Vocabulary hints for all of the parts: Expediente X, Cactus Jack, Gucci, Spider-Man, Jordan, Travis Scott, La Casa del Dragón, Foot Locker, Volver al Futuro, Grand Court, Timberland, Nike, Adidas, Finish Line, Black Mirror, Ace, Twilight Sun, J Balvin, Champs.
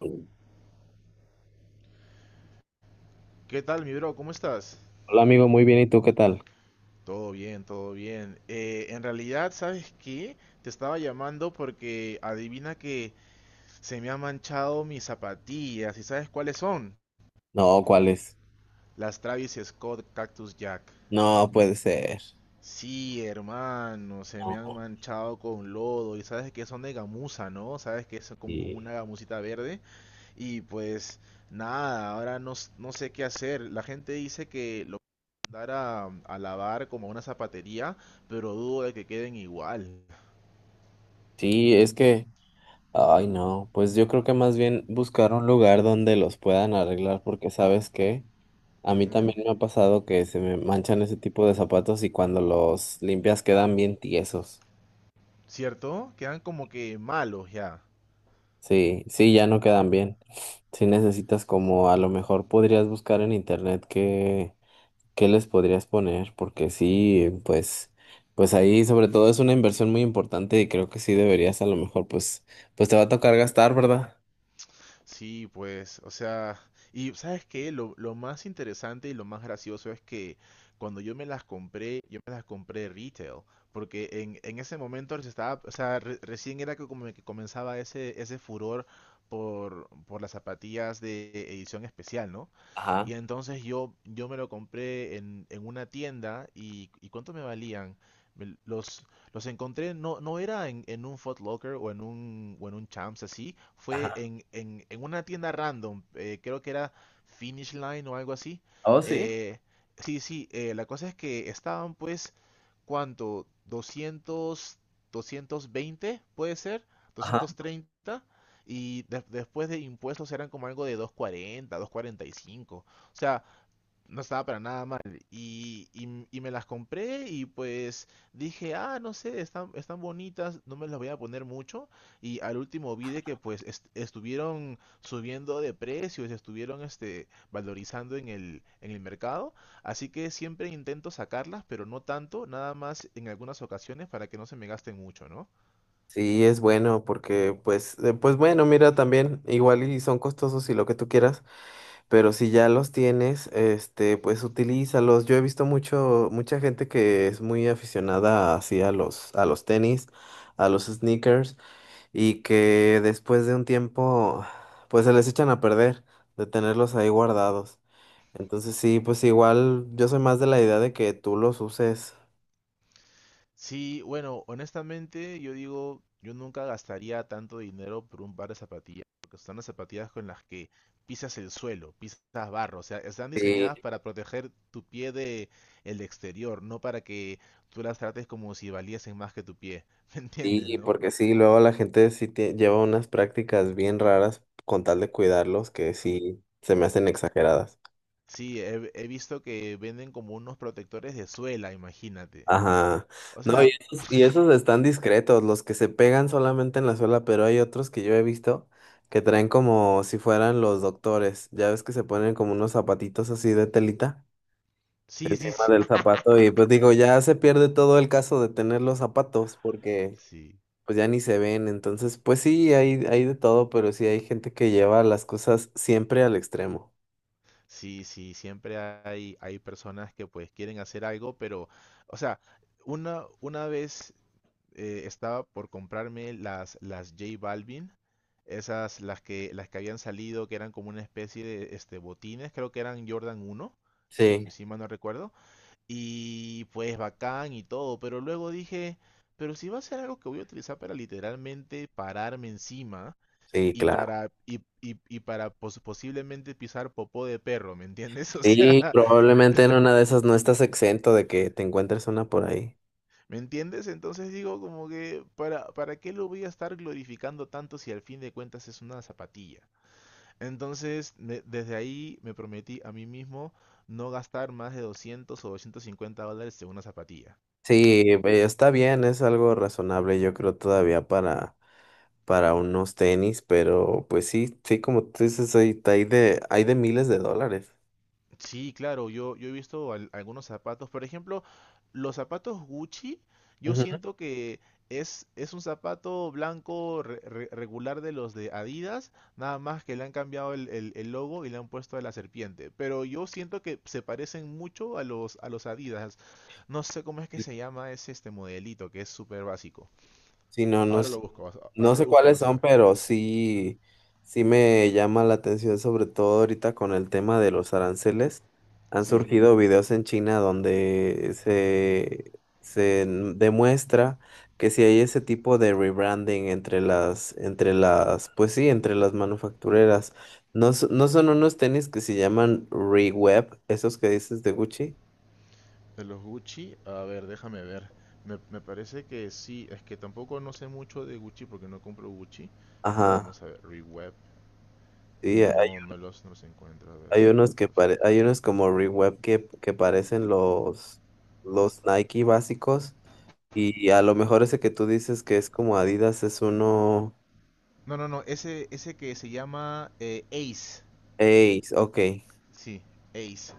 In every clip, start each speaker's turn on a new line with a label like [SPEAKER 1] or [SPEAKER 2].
[SPEAKER 1] Hola
[SPEAKER 2] ¿Qué tal, mi bro? ¿Cómo estás?
[SPEAKER 1] amigo, muy bien, ¿y tú qué tal?
[SPEAKER 2] Todo bien, todo bien. En realidad, ¿sabes qué? Te estaba llamando porque adivina que se me han manchado mis zapatillas. ¿Y sabes cuáles son?
[SPEAKER 1] No, ¿cuál es?
[SPEAKER 2] Las Travis Scott Cactus Jack.
[SPEAKER 1] No puede ser.
[SPEAKER 2] Sí, hermano, se me han
[SPEAKER 1] No.
[SPEAKER 2] manchado con lodo. Y sabes que son de gamuza, ¿no? ¿Sabes que es como
[SPEAKER 1] Sí,
[SPEAKER 2] una gamusita verde? Y pues nada, ahora no, no sé qué hacer. La gente dice que lo mandar a lavar como a una zapatería, pero dudo de que queden igual.
[SPEAKER 1] sí, es que, ay no, pues yo creo que más bien buscar un lugar donde los puedan arreglar porque sabes que a mí
[SPEAKER 2] Ujú.
[SPEAKER 1] también me ha pasado que se me manchan ese tipo de zapatos y cuando los limpias quedan bien tiesos.
[SPEAKER 2] ¿Cierto? Quedan como que malos ya.
[SPEAKER 1] Sí, sí, ya no quedan bien. Si necesitas como a lo mejor podrías buscar en internet que ¿qué les podrías poner? Porque sí, pues, pues ahí sobre todo es una inversión muy importante y creo que sí deberías a lo mejor, pues, pues te va a tocar gastar, ¿verdad?
[SPEAKER 2] Sí, pues, o sea, y ¿sabes qué? Lo más interesante y lo más gracioso es que cuando yo me las compré, yo me las compré retail, porque en ese momento se estaba, o sea, recién era que como que comenzaba ese furor por las zapatillas de edición especial, ¿no?
[SPEAKER 1] Ajá,
[SPEAKER 2] Y entonces yo me lo compré en una tienda ¿y cuánto me valían? Me- Los, los encontré, no era en un Foot Locker o en un Champs así, fue
[SPEAKER 1] ajá.
[SPEAKER 2] en una tienda random, creo que era Finish Line o algo así.
[SPEAKER 1] Oh, sí.
[SPEAKER 2] Eh, sí, la cosa es que estaban pues, ¿cuánto? 200, 220 puede ser,
[SPEAKER 1] Ajá.
[SPEAKER 2] 230. Y después de impuestos eran como algo de 240, 245. O sea, no estaba para nada mal. Y me las compré y pues dije, ah, no sé, están, están bonitas, no me las voy a poner mucho. Y al último vi de que pues estuvieron subiendo de precios, estuvieron este, valorizando en el mercado. Así que siempre intento sacarlas, pero no tanto, nada más en algunas ocasiones para que no se me gasten mucho, ¿no?
[SPEAKER 1] Sí, es bueno porque pues, pues bueno, mira también, igual y son costosos y lo que tú quieras, pero si ya los tienes, este, pues utilízalos. Yo he visto mucho, mucha gente que es muy aficionada así a los tenis, a los sneakers. Y que después de un tiempo, pues se les echan a perder de tenerlos ahí guardados. Entonces sí, pues igual yo soy más de la idea de que tú los uses.
[SPEAKER 2] Sí, bueno, honestamente yo digo, yo nunca gastaría tanto dinero por un par de zapatillas, porque son las zapatillas con las que pisas el suelo, pisas barro, o sea, están diseñadas
[SPEAKER 1] Sí,
[SPEAKER 2] para proteger tu pie de el exterior, no para que tú las trates como si valiesen más que tu pie, ¿me entiendes,
[SPEAKER 1] sí,
[SPEAKER 2] no?
[SPEAKER 1] porque sí, luego la gente sí lleva unas prácticas bien raras con tal de cuidarlos que sí se me hacen exageradas.
[SPEAKER 2] Sí, he visto que venden como unos protectores de suela, imagínate.
[SPEAKER 1] Ajá.
[SPEAKER 2] O
[SPEAKER 1] No, y
[SPEAKER 2] sea,
[SPEAKER 1] esos, y esos están discretos, los que se pegan solamente en la suela, pero hay otros que yo he visto que traen como si fueran los doctores. Ya ves que se ponen como unos zapatitos así de telita
[SPEAKER 2] sí, sí,
[SPEAKER 1] encima
[SPEAKER 2] sí.
[SPEAKER 1] del zapato y pues digo, ya se pierde todo el caso de tener los zapatos porque
[SPEAKER 2] Sí.
[SPEAKER 1] pues ya ni se ven. Entonces, pues sí, hay de todo, pero sí hay gente que lleva las cosas siempre al extremo.
[SPEAKER 2] Sí, sí, siempre hay, hay personas que pues quieren hacer algo, pero, o sea, una vez estaba por comprarme las J Balvin, esas, las que habían salido, que eran como una especie de este, botines, creo que eran Jordan uno,
[SPEAKER 1] Sí,
[SPEAKER 2] si mal no recuerdo, y pues bacán y todo, pero luego dije, pero si va a ser algo que voy a utilizar para literalmente pararme encima,
[SPEAKER 1] sí,
[SPEAKER 2] y
[SPEAKER 1] claro.
[SPEAKER 2] para, y para posiblemente pisar popó de perro, ¿me entiendes? O
[SPEAKER 1] Sí,
[SPEAKER 2] sea,
[SPEAKER 1] probablemente en una de esas no estás exento de que te encuentres una por ahí.
[SPEAKER 2] ¿me entiendes? Entonces digo como que, para qué lo voy a estar glorificando tanto si al fin de cuentas es una zapatilla? Entonces, desde ahí me prometí a mí mismo no gastar más de 200 o $250 en una zapatilla.
[SPEAKER 1] Sí, está bien, es algo razonable, yo creo todavía para unos tenis, pero pues sí, sí, como tú dices, hay de miles de dólares.
[SPEAKER 2] Sí, claro, yo he visto algunos zapatos. Por ejemplo, los zapatos Gucci, yo
[SPEAKER 1] Ujú.
[SPEAKER 2] siento que es un zapato blanco regular de los de Adidas, nada más que le han cambiado el logo y le han puesto a la serpiente. Pero yo siento que se parecen mucho a a los Adidas. No sé cómo es que
[SPEAKER 1] Sí,
[SPEAKER 2] se llama ese este modelito, que es súper básico.
[SPEAKER 1] sí, no, no.
[SPEAKER 2] Ahora lo busco,
[SPEAKER 1] No
[SPEAKER 2] ahora lo
[SPEAKER 1] sé
[SPEAKER 2] busco,
[SPEAKER 1] cuáles
[SPEAKER 2] vas a
[SPEAKER 1] son,
[SPEAKER 2] ver.
[SPEAKER 1] pero sí, sí me llama la atención, sobre todo ahorita con el tema de los aranceles. Han
[SPEAKER 2] Sí.
[SPEAKER 1] surgido videos en China donde se demuestra que si hay ese tipo de rebranding entre las, pues sí, entre las manufactureras. No, no son unos tenis que se llaman Reweb, esos que dices de Gucci.
[SPEAKER 2] De los Gucci, a ver, déjame ver. Me parece que sí, es que tampoco no sé mucho de Gucci porque no compro Gucci, pero
[SPEAKER 1] Ajá.
[SPEAKER 2] vamos a ver, Reweb.
[SPEAKER 1] Sí,
[SPEAKER 2] No los encuentro, a ver, zapatos.
[SPEAKER 1] Hay unos como Reweb que parecen los Nike básicos. Y a lo mejor ese que tú dices que es como Adidas es uno.
[SPEAKER 2] No, no, no, ese que se llama Ace.
[SPEAKER 1] Ace, ok.
[SPEAKER 2] Sí, Ace.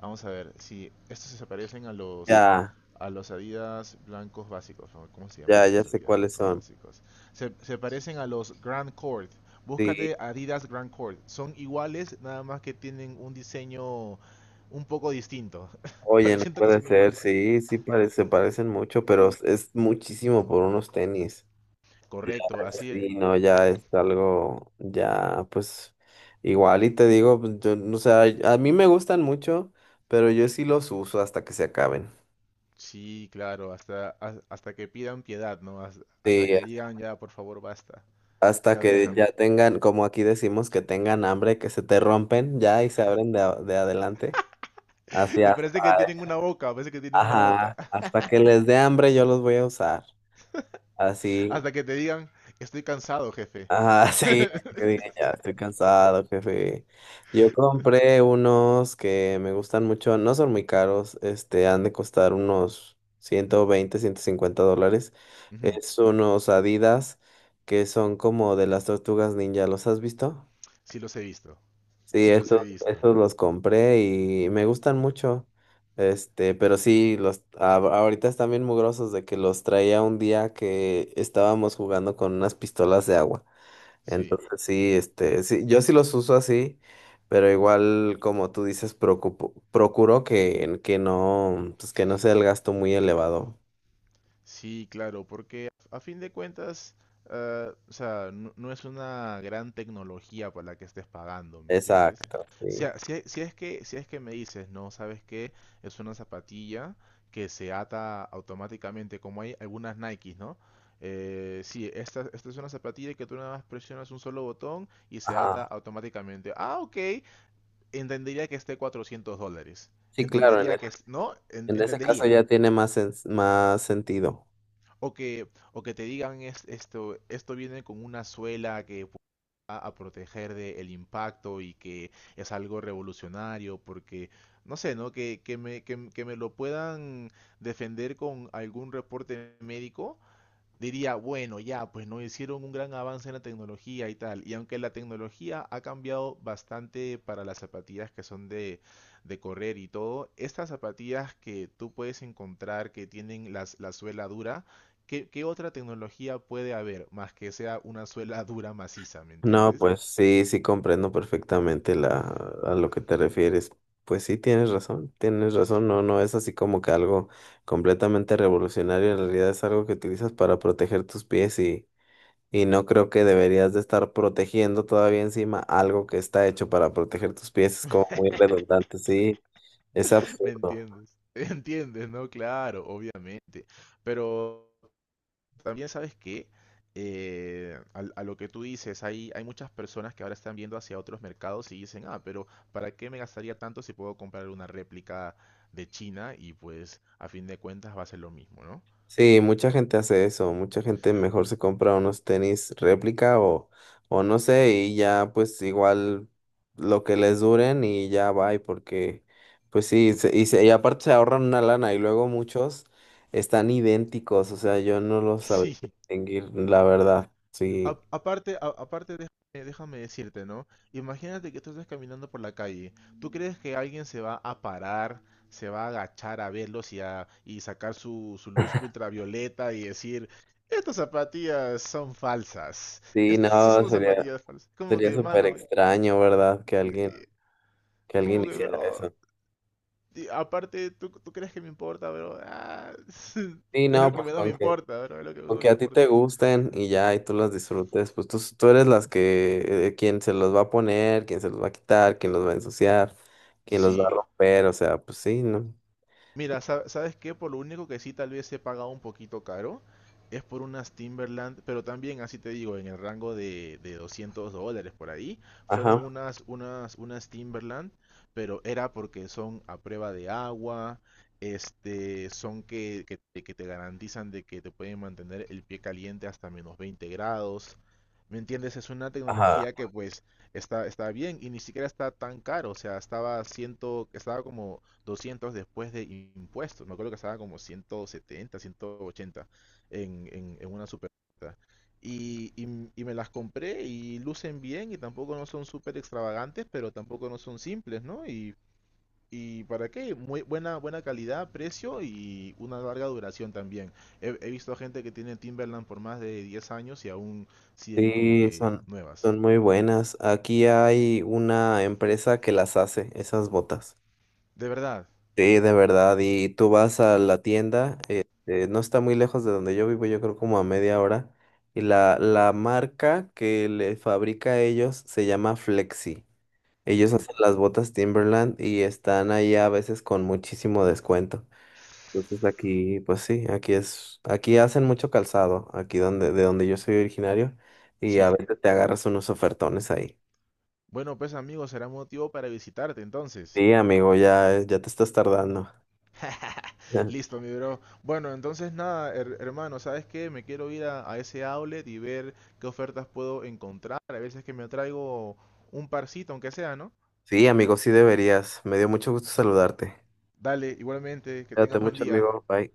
[SPEAKER 2] Vamos a ver, sí, estos se parecen
[SPEAKER 1] Ya,
[SPEAKER 2] a los Adidas blancos básicos. ¿No? ¿Cómo se llaman
[SPEAKER 1] ya, ya
[SPEAKER 2] esos
[SPEAKER 1] sé
[SPEAKER 2] Adidas
[SPEAKER 1] cuáles
[SPEAKER 2] blancos
[SPEAKER 1] son.
[SPEAKER 2] básicos? Se parecen a los Grand Court.
[SPEAKER 1] Sí,
[SPEAKER 2] Búscate Adidas Grand Court. Son iguales, nada más que tienen un diseño un poco distinto.
[SPEAKER 1] oye,
[SPEAKER 2] Pero
[SPEAKER 1] no
[SPEAKER 2] siento que
[SPEAKER 1] puede
[SPEAKER 2] son
[SPEAKER 1] ser,
[SPEAKER 2] iguales.
[SPEAKER 1] sí, sí parece, se parecen mucho, pero es muchísimo por unos tenis. Ya,
[SPEAKER 2] Correcto, así.
[SPEAKER 1] sí, no, ya es algo, ya, pues, igual y te digo, pues, yo, o sea, a mí me gustan mucho, pero yo sí los uso hasta que se acaben.
[SPEAKER 2] Sí, claro, hasta que pidan piedad, ¿no? Hasta
[SPEAKER 1] Sí,
[SPEAKER 2] que digan, ya, por favor, basta,
[SPEAKER 1] hasta
[SPEAKER 2] ya
[SPEAKER 1] que ya
[SPEAKER 2] déjame.
[SPEAKER 1] tengan, como aquí decimos, que tengan hambre, que se te rompen ya y se abren de adelante. Así
[SPEAKER 2] Y
[SPEAKER 1] hasta,
[SPEAKER 2] parece que tienen una boca, parece que tienen una boca.
[SPEAKER 1] ajá, hasta que les dé hambre yo los voy a usar. Así,
[SPEAKER 2] Hasta que te digan, estoy cansado, jefe.
[SPEAKER 1] ajá, sí, que digan, ya estoy cansado, jefe. Yo compré unos que me gustan mucho, no son muy caros, este, han de costar unos 120, $150.
[SPEAKER 2] Ujú.
[SPEAKER 1] Es unos Adidas que son como de las tortugas ninja, ¿los has visto?
[SPEAKER 2] Sí los he visto.
[SPEAKER 1] Sí,
[SPEAKER 2] Sí los he
[SPEAKER 1] estos,
[SPEAKER 2] visto.
[SPEAKER 1] esos los compré y me gustan mucho. Este, pero sí, los ahorita están bien mugrosos de que los traía un día que estábamos jugando con unas pistolas de agua.
[SPEAKER 2] Sí,
[SPEAKER 1] Entonces sí, este, sí, yo sí los uso así, pero igual como tú dices, procuro que no, pues que no sea el gasto muy elevado.
[SPEAKER 2] sí, claro, porque a fin de cuentas, ah, o sea, no, no es una gran tecnología para la que estés pagando, ¿me entiendes?
[SPEAKER 1] Exacto,
[SPEAKER 2] O
[SPEAKER 1] sí.
[SPEAKER 2] sea, si, es si es que, si es que me dices, no, ¿sabes qué? Es una zapatilla que se ata automáticamente, como hay algunas Nikes, ¿no? Sí, esta, esta es una zapatilla que tú nada más presionas un solo botón y se ata
[SPEAKER 1] Ajá.
[SPEAKER 2] automáticamente. Ah, ok. Entendería que esté $400.
[SPEAKER 1] Sí, claro, en
[SPEAKER 2] Entendería
[SPEAKER 1] ese,
[SPEAKER 2] que es, ¿no?
[SPEAKER 1] en ese caso
[SPEAKER 2] Entendería.
[SPEAKER 1] ya tiene más sentido.
[SPEAKER 2] O que, o que te digan esto, esto viene con una suela que va a proteger del impacto y que es algo revolucionario, porque, no sé, ¿no? Que me, que, que me lo puedan defender con algún reporte médico diría, bueno, ya, pues no hicieron un gran avance en la tecnología y tal. Y aunque la tecnología ha cambiado bastante para las zapatillas que son de correr y todo, estas zapatillas que tú puedes encontrar que tienen la suela dura, ¿qué, qué otra tecnología puede haber más que sea una suela dura maciza, ¿me
[SPEAKER 1] No,
[SPEAKER 2] entiendes?
[SPEAKER 1] pues sí, sí comprendo perfectamente a lo que te refieres. Pues sí, tienes razón, no, no es así como que algo completamente revolucionario, en realidad es algo que utilizas para proteger tus pies y no creo que deberías de estar protegiendo todavía encima algo que está hecho para proteger tus pies, es como muy redundante, sí, es
[SPEAKER 2] ¿Me
[SPEAKER 1] absurdo.
[SPEAKER 2] entiendes? ¿Entiendes? No, claro, obviamente. Pero... También sabes que a lo que tú dices, hay muchas personas que ahora están viendo hacia otros mercados y dicen, ah, pero ¿para qué me gastaría tanto si puedo comprar una réplica de China? Y pues a fin de cuentas va a ser lo mismo, ¿no?
[SPEAKER 1] Sí, mucha gente hace eso, mucha gente mejor se compra unos tenis réplica o no sé, y ya pues igual lo que les duren y ya va, y porque pues sí, y aparte se ahorran una lana y luego muchos están idénticos, o sea, yo no los sabría
[SPEAKER 2] Sí,
[SPEAKER 1] distinguir, la verdad, sí,
[SPEAKER 2] Aparte, aparte déjame, déjame decirte, ¿no? Imagínate que tú estás caminando por la calle. ¿Tú crees que alguien se va a parar, se va a agachar a verlos y, y sacar su luz ultravioleta y decir, estas zapatillas son falsas?
[SPEAKER 1] sí,
[SPEAKER 2] Estas estas
[SPEAKER 1] no,
[SPEAKER 2] son las
[SPEAKER 1] sería,
[SPEAKER 2] zapatillas falsas. Como
[SPEAKER 1] sería
[SPEAKER 2] que,
[SPEAKER 1] súper
[SPEAKER 2] hermano,
[SPEAKER 1] extraño, ¿verdad? Que alguien,
[SPEAKER 2] y-
[SPEAKER 1] que alguien
[SPEAKER 2] como que,
[SPEAKER 1] hiciera
[SPEAKER 2] bro,
[SPEAKER 1] eso.
[SPEAKER 2] y aparte, tú crees que me importa, bro? Ah,
[SPEAKER 1] Sí,
[SPEAKER 2] es
[SPEAKER 1] no,
[SPEAKER 2] lo que
[SPEAKER 1] pues
[SPEAKER 2] menos me
[SPEAKER 1] con que.
[SPEAKER 2] importa, bro, es lo que menos me
[SPEAKER 1] Aunque a ti
[SPEAKER 2] importa.
[SPEAKER 1] te gusten y ya, y tú las disfrutes, pues tú eres las que, quien se los va a poner, quien se los va a quitar, quien los va a ensuciar, quien los va a
[SPEAKER 2] Sí.
[SPEAKER 1] romper, o sea, pues sí, ¿no?
[SPEAKER 2] Mira, ¿sabes qué? Por lo único que sí tal vez he pagado un poquito caro es por unas Timberland, pero también, así te digo, en el rango de $200 por ahí, fueron
[SPEAKER 1] Ajá,
[SPEAKER 2] unas Timberland, pero era porque son a prueba de agua, este, son que te garantizan de que te pueden mantener el pie caliente hasta menos 20 grados. ¿Me entiendes? Es una
[SPEAKER 1] ajá.
[SPEAKER 2] tecnología que pues está, está bien y ni siquiera está tan caro, o sea, estaba como 200 después de impuestos. Me acuerdo que estaba como 170, 180 en una super. Me las compré y lucen bien y tampoco no son súper extravagantes, pero tampoco no son simples, ¿no? Y para qué, muy buena, buena calidad, precio y una larga duración también. He visto gente que tiene Timberland por más de 10 años y aún siguen como
[SPEAKER 1] Sí,
[SPEAKER 2] que
[SPEAKER 1] son,
[SPEAKER 2] nuevas.
[SPEAKER 1] son muy buenas. Aquí hay una empresa que las hace, esas botas.
[SPEAKER 2] De verdad.
[SPEAKER 1] Sí, de verdad, y tú vas a la tienda, no está muy lejos de donde yo vivo, yo creo como a media hora, y la marca que le fabrica a ellos se llama Flexi. Ellos
[SPEAKER 2] Ujú.
[SPEAKER 1] hacen las botas Timberland y están ahí a veces con muchísimo descuento. Entonces aquí, pues sí, aquí es, aquí hacen mucho calzado, aquí donde, de donde yo soy originario, y a
[SPEAKER 2] Sí.
[SPEAKER 1] veces te agarras unos ofertones ahí.
[SPEAKER 2] Bueno, pues amigos, será motivo para visitarte entonces.
[SPEAKER 1] Sí, amigo, ya, ya te estás tardando.
[SPEAKER 2] Listo, mi bro. Bueno, entonces nada, hermano, ¿sabes qué? Me quiero ir a ese outlet y ver qué ofertas puedo encontrar. A veces que me traigo un parcito, aunque sea, ¿no?
[SPEAKER 1] Sí, amigo, sí deberías. Me dio mucho gusto saludarte.
[SPEAKER 2] Dale, igualmente, que
[SPEAKER 1] Cuídate
[SPEAKER 2] tengas buen
[SPEAKER 1] mucho,
[SPEAKER 2] día.
[SPEAKER 1] amigo. Bye.